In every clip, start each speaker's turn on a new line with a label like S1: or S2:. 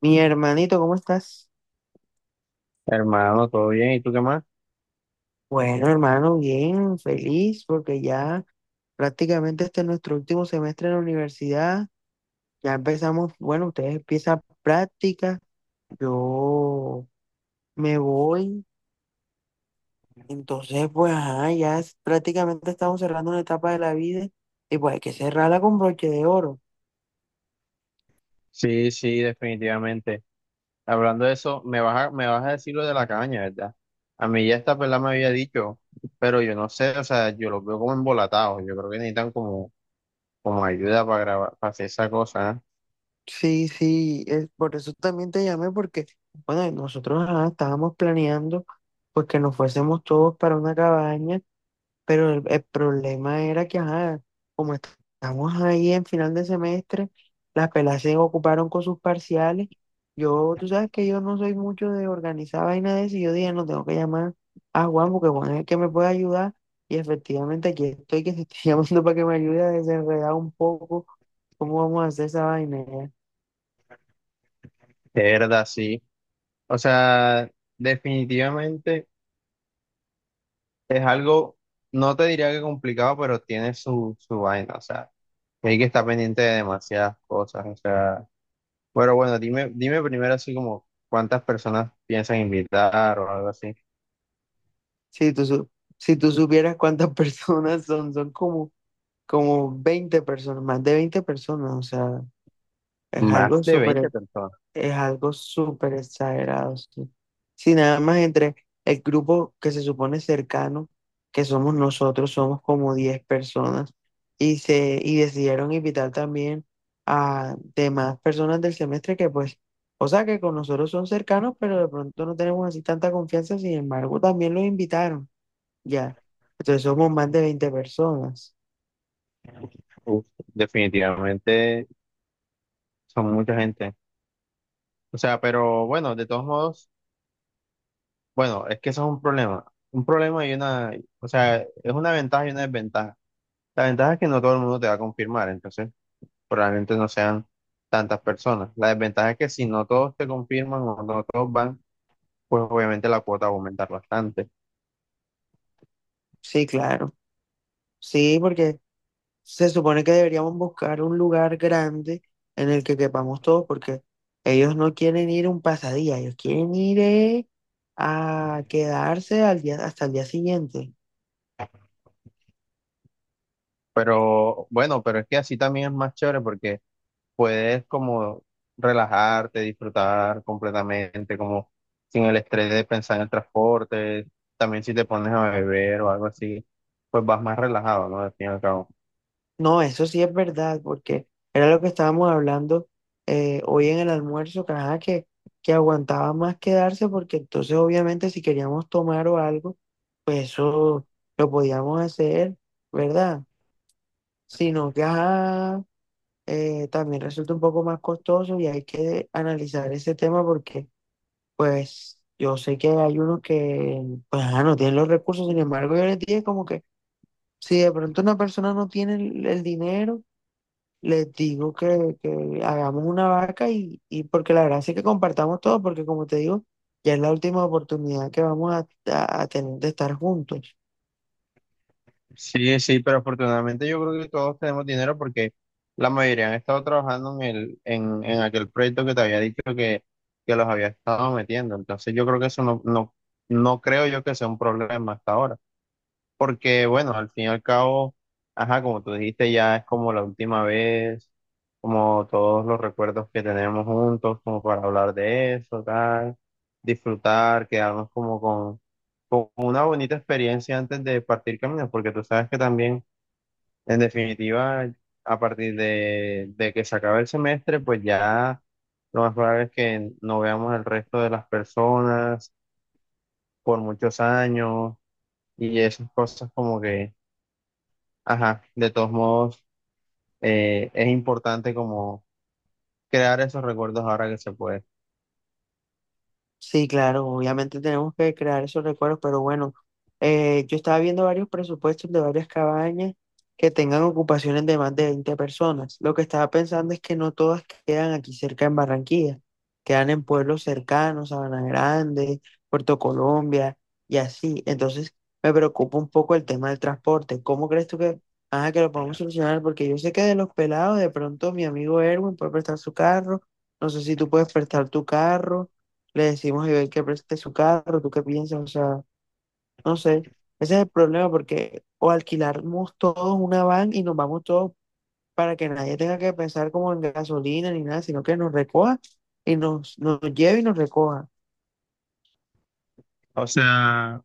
S1: Mi hermanito, ¿cómo estás?
S2: Hermano, ¿todo bien? ¿Y tú qué más?
S1: Bueno, hermano, bien, feliz porque ya prácticamente este es nuestro último semestre en la universidad. Ya empezamos, bueno, ustedes empiezan prácticas, yo me voy. Entonces, pues, ajá, ya prácticamente estamos cerrando una etapa de la vida y pues hay que cerrarla con broche de oro.
S2: Sí, sí, definitivamente. Hablando de eso, me vas a decir lo de la caña, ¿verdad? A mí ya esta pelada me había dicho, pero yo no sé, o sea, yo los veo como embolatados. Yo creo que necesitan como, como ayuda para grabar, para hacer esa cosa, ¿eh?
S1: Sí, sí, es, por eso también te llamé porque, bueno, nosotros ajá, estábamos planeando pues que nos fuésemos todos para una cabaña. Pero el problema era que, ajá, como estamos ahí en final de semestre, las pelas se ocuparon con sus parciales. Yo, tú sabes que yo no soy mucho de organizar vaina de eso, y yo dije, no tengo que llamar a Juan porque Juan es el que me puede ayudar. Y efectivamente aquí estoy que te estoy llamando para que me ayude a desenredar un poco cómo vamos a hacer esa vaina. Ya.
S2: De verdad, sí. O sea, definitivamente es algo, no te diría que complicado, pero tiene su vaina, o sea, hay que estar pendiente de demasiadas cosas, o sea. Pero bueno, dime, dime primero así como cuántas personas piensan invitar o algo así.
S1: Si tú, su- si tú supieras cuántas personas son como 20 personas, más de 20 personas, o sea, es
S2: Más
S1: algo
S2: de veinte
S1: súper.
S2: personas.
S1: Es algo súper exagerado, sí. Si nada más entre el grupo que se supone cercano, que somos nosotros, somos como 10 personas, y decidieron invitar también a demás personas del semestre que pues, o sea, que con nosotros son cercanos, pero de pronto no tenemos así tanta confianza, sin embargo, también los invitaron, ya. Entonces somos más de 20 personas.
S2: Uf, definitivamente son mucha gente. O sea, pero bueno, de todos modos, bueno, es que eso es un problema. Un problema y una, o sea, es una ventaja y una desventaja. La ventaja es que no todo el mundo te va a confirmar, entonces probablemente no sean tantas personas. La desventaja es que si no todos te confirman o no todos van, pues obviamente la cuota va a aumentar bastante.
S1: Sí, claro. Sí, porque se supone que deberíamos buscar un lugar grande en el que quepamos todos, porque ellos no quieren ir un pasadía, ellos quieren ir a quedarse al día, hasta el día siguiente.
S2: Pero bueno, pero es que así también es más chévere porque puedes como relajarte, disfrutar completamente, como sin el estrés de pensar en el transporte. También si te pones a beber o algo así, pues vas más relajado, ¿no? Al fin y al cabo.
S1: No, eso sí es verdad, porque era lo que estábamos hablando hoy en el almuerzo, que, ajá, que aguantaba más quedarse, porque entonces obviamente si queríamos tomar o algo, pues eso lo podíamos hacer, ¿verdad? Sino que, ajá, también resulta un poco más costoso y hay que analizar ese tema porque, pues, yo sé que hay unos que, pues, ah, no tienen los recursos, sin embargo, yo les dije como que si de pronto una persona no tiene el dinero, les digo que hagamos una vaca y porque la verdad es que compartamos todo, porque como te digo, ya es la última oportunidad que vamos a tener de estar juntos.
S2: Sí, sí, pero afortunadamente yo creo que todos tenemos dinero porque la mayoría han estado trabajando en aquel proyecto que te había dicho que los había estado metiendo. Entonces yo creo que eso no, no creo yo que sea un problema hasta ahora. Porque, bueno, al fin y al cabo, ajá, como tú dijiste, ya es como la última vez, como todos los recuerdos que tenemos juntos, como para hablar de eso, tal, disfrutar, quedarnos como con una bonita experiencia antes de partir caminos, porque tú sabes que también, en definitiva, a partir de que se acabe el semestre, pues ya lo más probable es que no veamos el resto de las personas por muchos años y esas cosas como que ajá, de todos modos, es importante como crear esos recuerdos ahora que se puede.
S1: Sí, claro, obviamente tenemos que crear esos recuerdos, pero bueno, yo estaba viendo varios presupuestos de varias cabañas que tengan ocupaciones de más de 20 personas. Lo que estaba pensando es que no todas quedan aquí cerca en Barranquilla, quedan en pueblos cercanos, Sabana Grande, Puerto Colombia y así. Entonces me preocupa un poco el tema del transporte. ¿Cómo crees tú que, ajá, que lo podemos solucionar? Porque yo sé que de los pelados, de pronto mi amigo Erwin puede prestar su carro, no sé si tú puedes prestar tu carro. Le decimos a Iber que preste su carro, ¿tú qué piensas? O sea, no sé, ese es el problema porque o alquilamos todos una van y nos vamos todos para que nadie tenga que pensar como en gasolina ni nada, sino que nos recoja y nos lleve y nos recoja.
S2: O sea,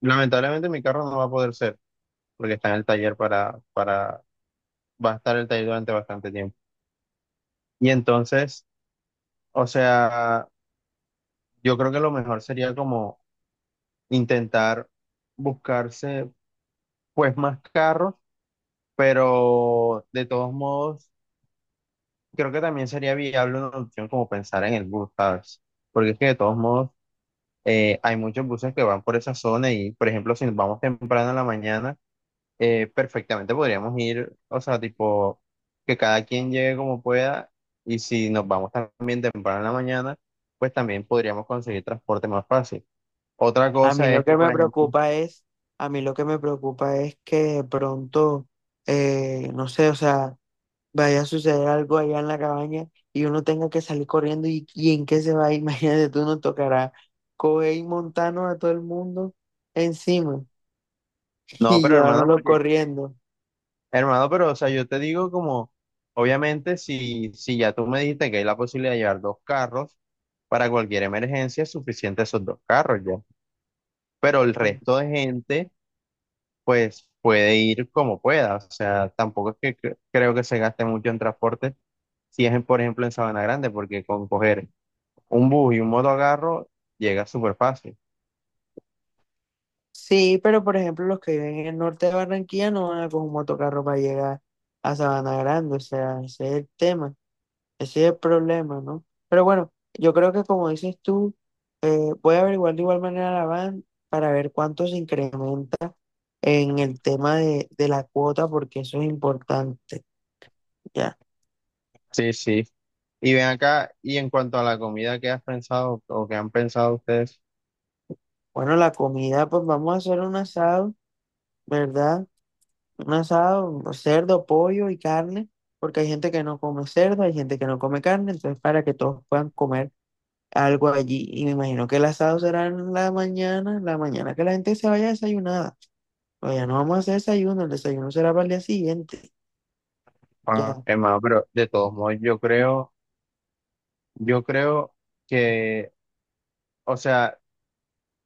S2: lamentablemente mi carro no va a poder ser, porque está en el taller va a estar el taller durante bastante tiempo. Y entonces, o sea, yo creo que lo mejor sería como intentar buscarse pues más carros, pero de todos modos, creo que también sería viable una opción como pensar en el bus, ¿sabes? Porque es que de todos modos hay muchos buses que van por esa zona y, por ejemplo, si nos vamos temprano en la mañana, perfectamente podríamos ir, o sea, tipo, que cada quien llegue como pueda y si nos vamos también temprano en la mañana, pues también podríamos conseguir transporte más fácil. Otra
S1: A mí
S2: cosa
S1: lo
S2: es que,
S1: que
S2: por
S1: me
S2: ejemplo,
S1: preocupa es, a mí lo que me preocupa es que de pronto, no sé, o sea, vaya a suceder algo allá en la cabaña y uno tenga que salir corriendo y en qué a ir imagínate, tú nos tocará coger y montarnos a todo el mundo encima
S2: no,
S1: y
S2: pero hermano,
S1: llevárnoslo
S2: porque,
S1: corriendo.
S2: hermano, pero, o sea, yo te digo como, obviamente, si ya tú me dijiste que hay la posibilidad de llevar dos carros, para cualquier emergencia es suficiente esos dos carros ya. Pero el resto de gente pues puede ir como pueda. O sea, tampoco es que creo que se gaste mucho en transporte si es, en, por ejemplo, en Sabana Grande, porque con coger un bus y un motocarro llega súper fácil.
S1: Sí, pero por ejemplo los que viven en el norte de Barranquilla no van a coger un motocarro para llegar a Sabana Grande, o sea, ese es el tema, ese es el problema, ¿no? Pero bueno, yo creo que como dices tú, voy a averiguar de igual manera la van para ver cuánto se incrementa en el tema de la cuota porque eso es importante, ya.
S2: Sí, sí. Y ven acá, y en cuanto a la comida que has pensado o que han pensado ustedes,
S1: Bueno, la comida, pues vamos a hacer un asado, ¿verdad? Un asado, pues, cerdo, pollo y carne, porque hay gente que no come cerdo, hay gente que no come carne, entonces para que todos puedan comer algo allí. Y me imagino que el asado será en la mañana que la gente se vaya desayunada. Pues ya no vamos a hacer desayuno, el desayuno será para el día siguiente,
S2: ah,
S1: ya.
S2: hermano, pero de todos modos, yo creo, yo creo que, o sea,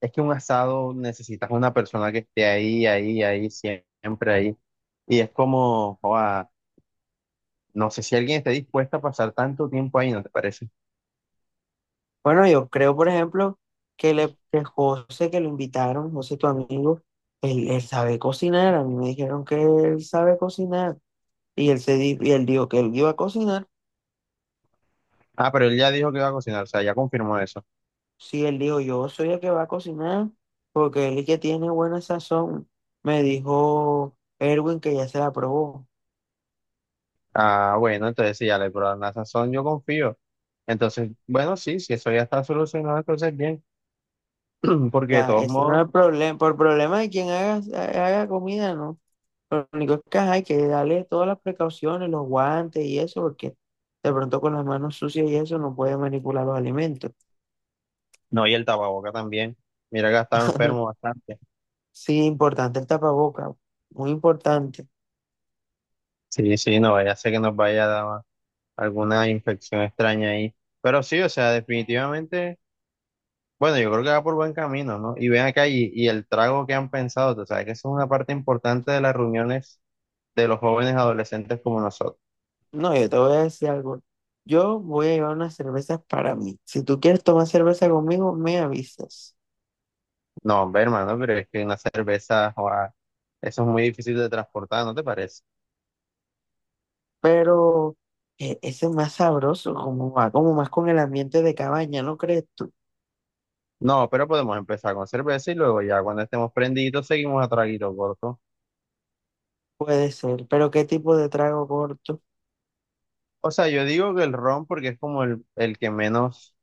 S2: es que un asado necesitas una persona que esté ahí, ahí, ahí, siempre ahí. Y es como, joda, no sé si alguien está dispuesto a pasar tanto tiempo ahí, ¿no te parece?
S1: Bueno, yo creo, por ejemplo, que José, que lo invitaron, José, tu amigo, él sabe cocinar. A mí me dijeron que él sabe cocinar. Y él dijo que él iba a cocinar.
S2: Ah, pero él ya dijo que iba a cocinar, o sea, ya confirmó eso.
S1: Sí, él dijo, yo soy el que va a cocinar, porque él es el que tiene buena sazón. Me dijo Erwin que ya se la probó.
S2: Ah, bueno, entonces sí, ya le probaron la sazón, yo confío. Entonces, bueno, sí, si eso ya está solucionado, entonces bien, porque de
S1: Ya,
S2: todos
S1: ese no es
S2: modos,
S1: el problema. Por problema de quien haga, haga comida, ¿no? Lo único es que ajá, hay que darle todas las precauciones, los guantes y eso, porque de pronto con las manos sucias y eso no puede manipular los alimentos.
S2: no, y el tapaboca también. Mira que ha estado enfermo bastante.
S1: Sí, importante el tapaboca, muy importante.
S2: Sí, sí, no, ya sé que nos vaya a dar alguna infección extraña ahí. Pero sí, o sea, definitivamente, bueno, yo creo que va por buen camino, ¿no? Y ven acá, y el trago que han pensado, tú sabes que eso es una parte importante de las reuniones de los jóvenes adolescentes como nosotros.
S1: No, yo te voy a decir algo. Yo voy a llevar unas cervezas para mí. Si tú quieres tomar cerveza conmigo, me avisas.
S2: No, hombre, hermano, pero es que una cerveza, joa, eso es muy difícil de transportar, ¿no te parece?
S1: Pero ese es más sabroso, como va, como más con el ambiente de cabaña, ¿no crees tú?
S2: No, pero podemos empezar con cerveza y luego ya cuando estemos prendidos seguimos a traguito corto.
S1: Puede ser, pero ¿qué tipo de trago corto?
S2: O sea, yo digo que el ron porque es como el que menos,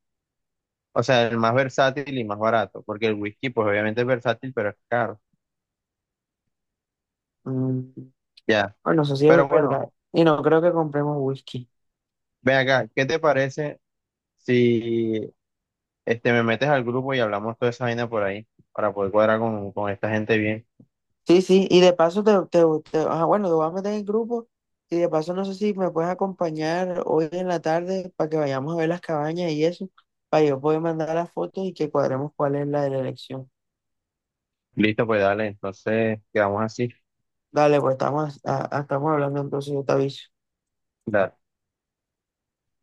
S2: o sea, el más versátil y más barato, porque el whisky pues obviamente es versátil, pero es caro.
S1: Mm.
S2: Ya,
S1: Bueno, eso sí es
S2: pero bueno,
S1: verdad. Y no creo que compremos whisky.
S2: ven acá, ¿qué te parece si este, me metes al grupo y hablamos toda esa vaina por ahí para poder cuadrar con esta gente bien?
S1: Sí, sí, y de paso te, ajá, bueno, te voy a meter en el grupo y de paso no sé si me puedes acompañar hoy en la tarde para que vayamos a ver las cabañas y eso, para yo poder mandar las fotos y que cuadremos cuál es la de la elección.
S2: Listo, pues dale, entonces quedamos así.
S1: Dale, pues estamos hablando entonces, yo te aviso.
S2: Dale.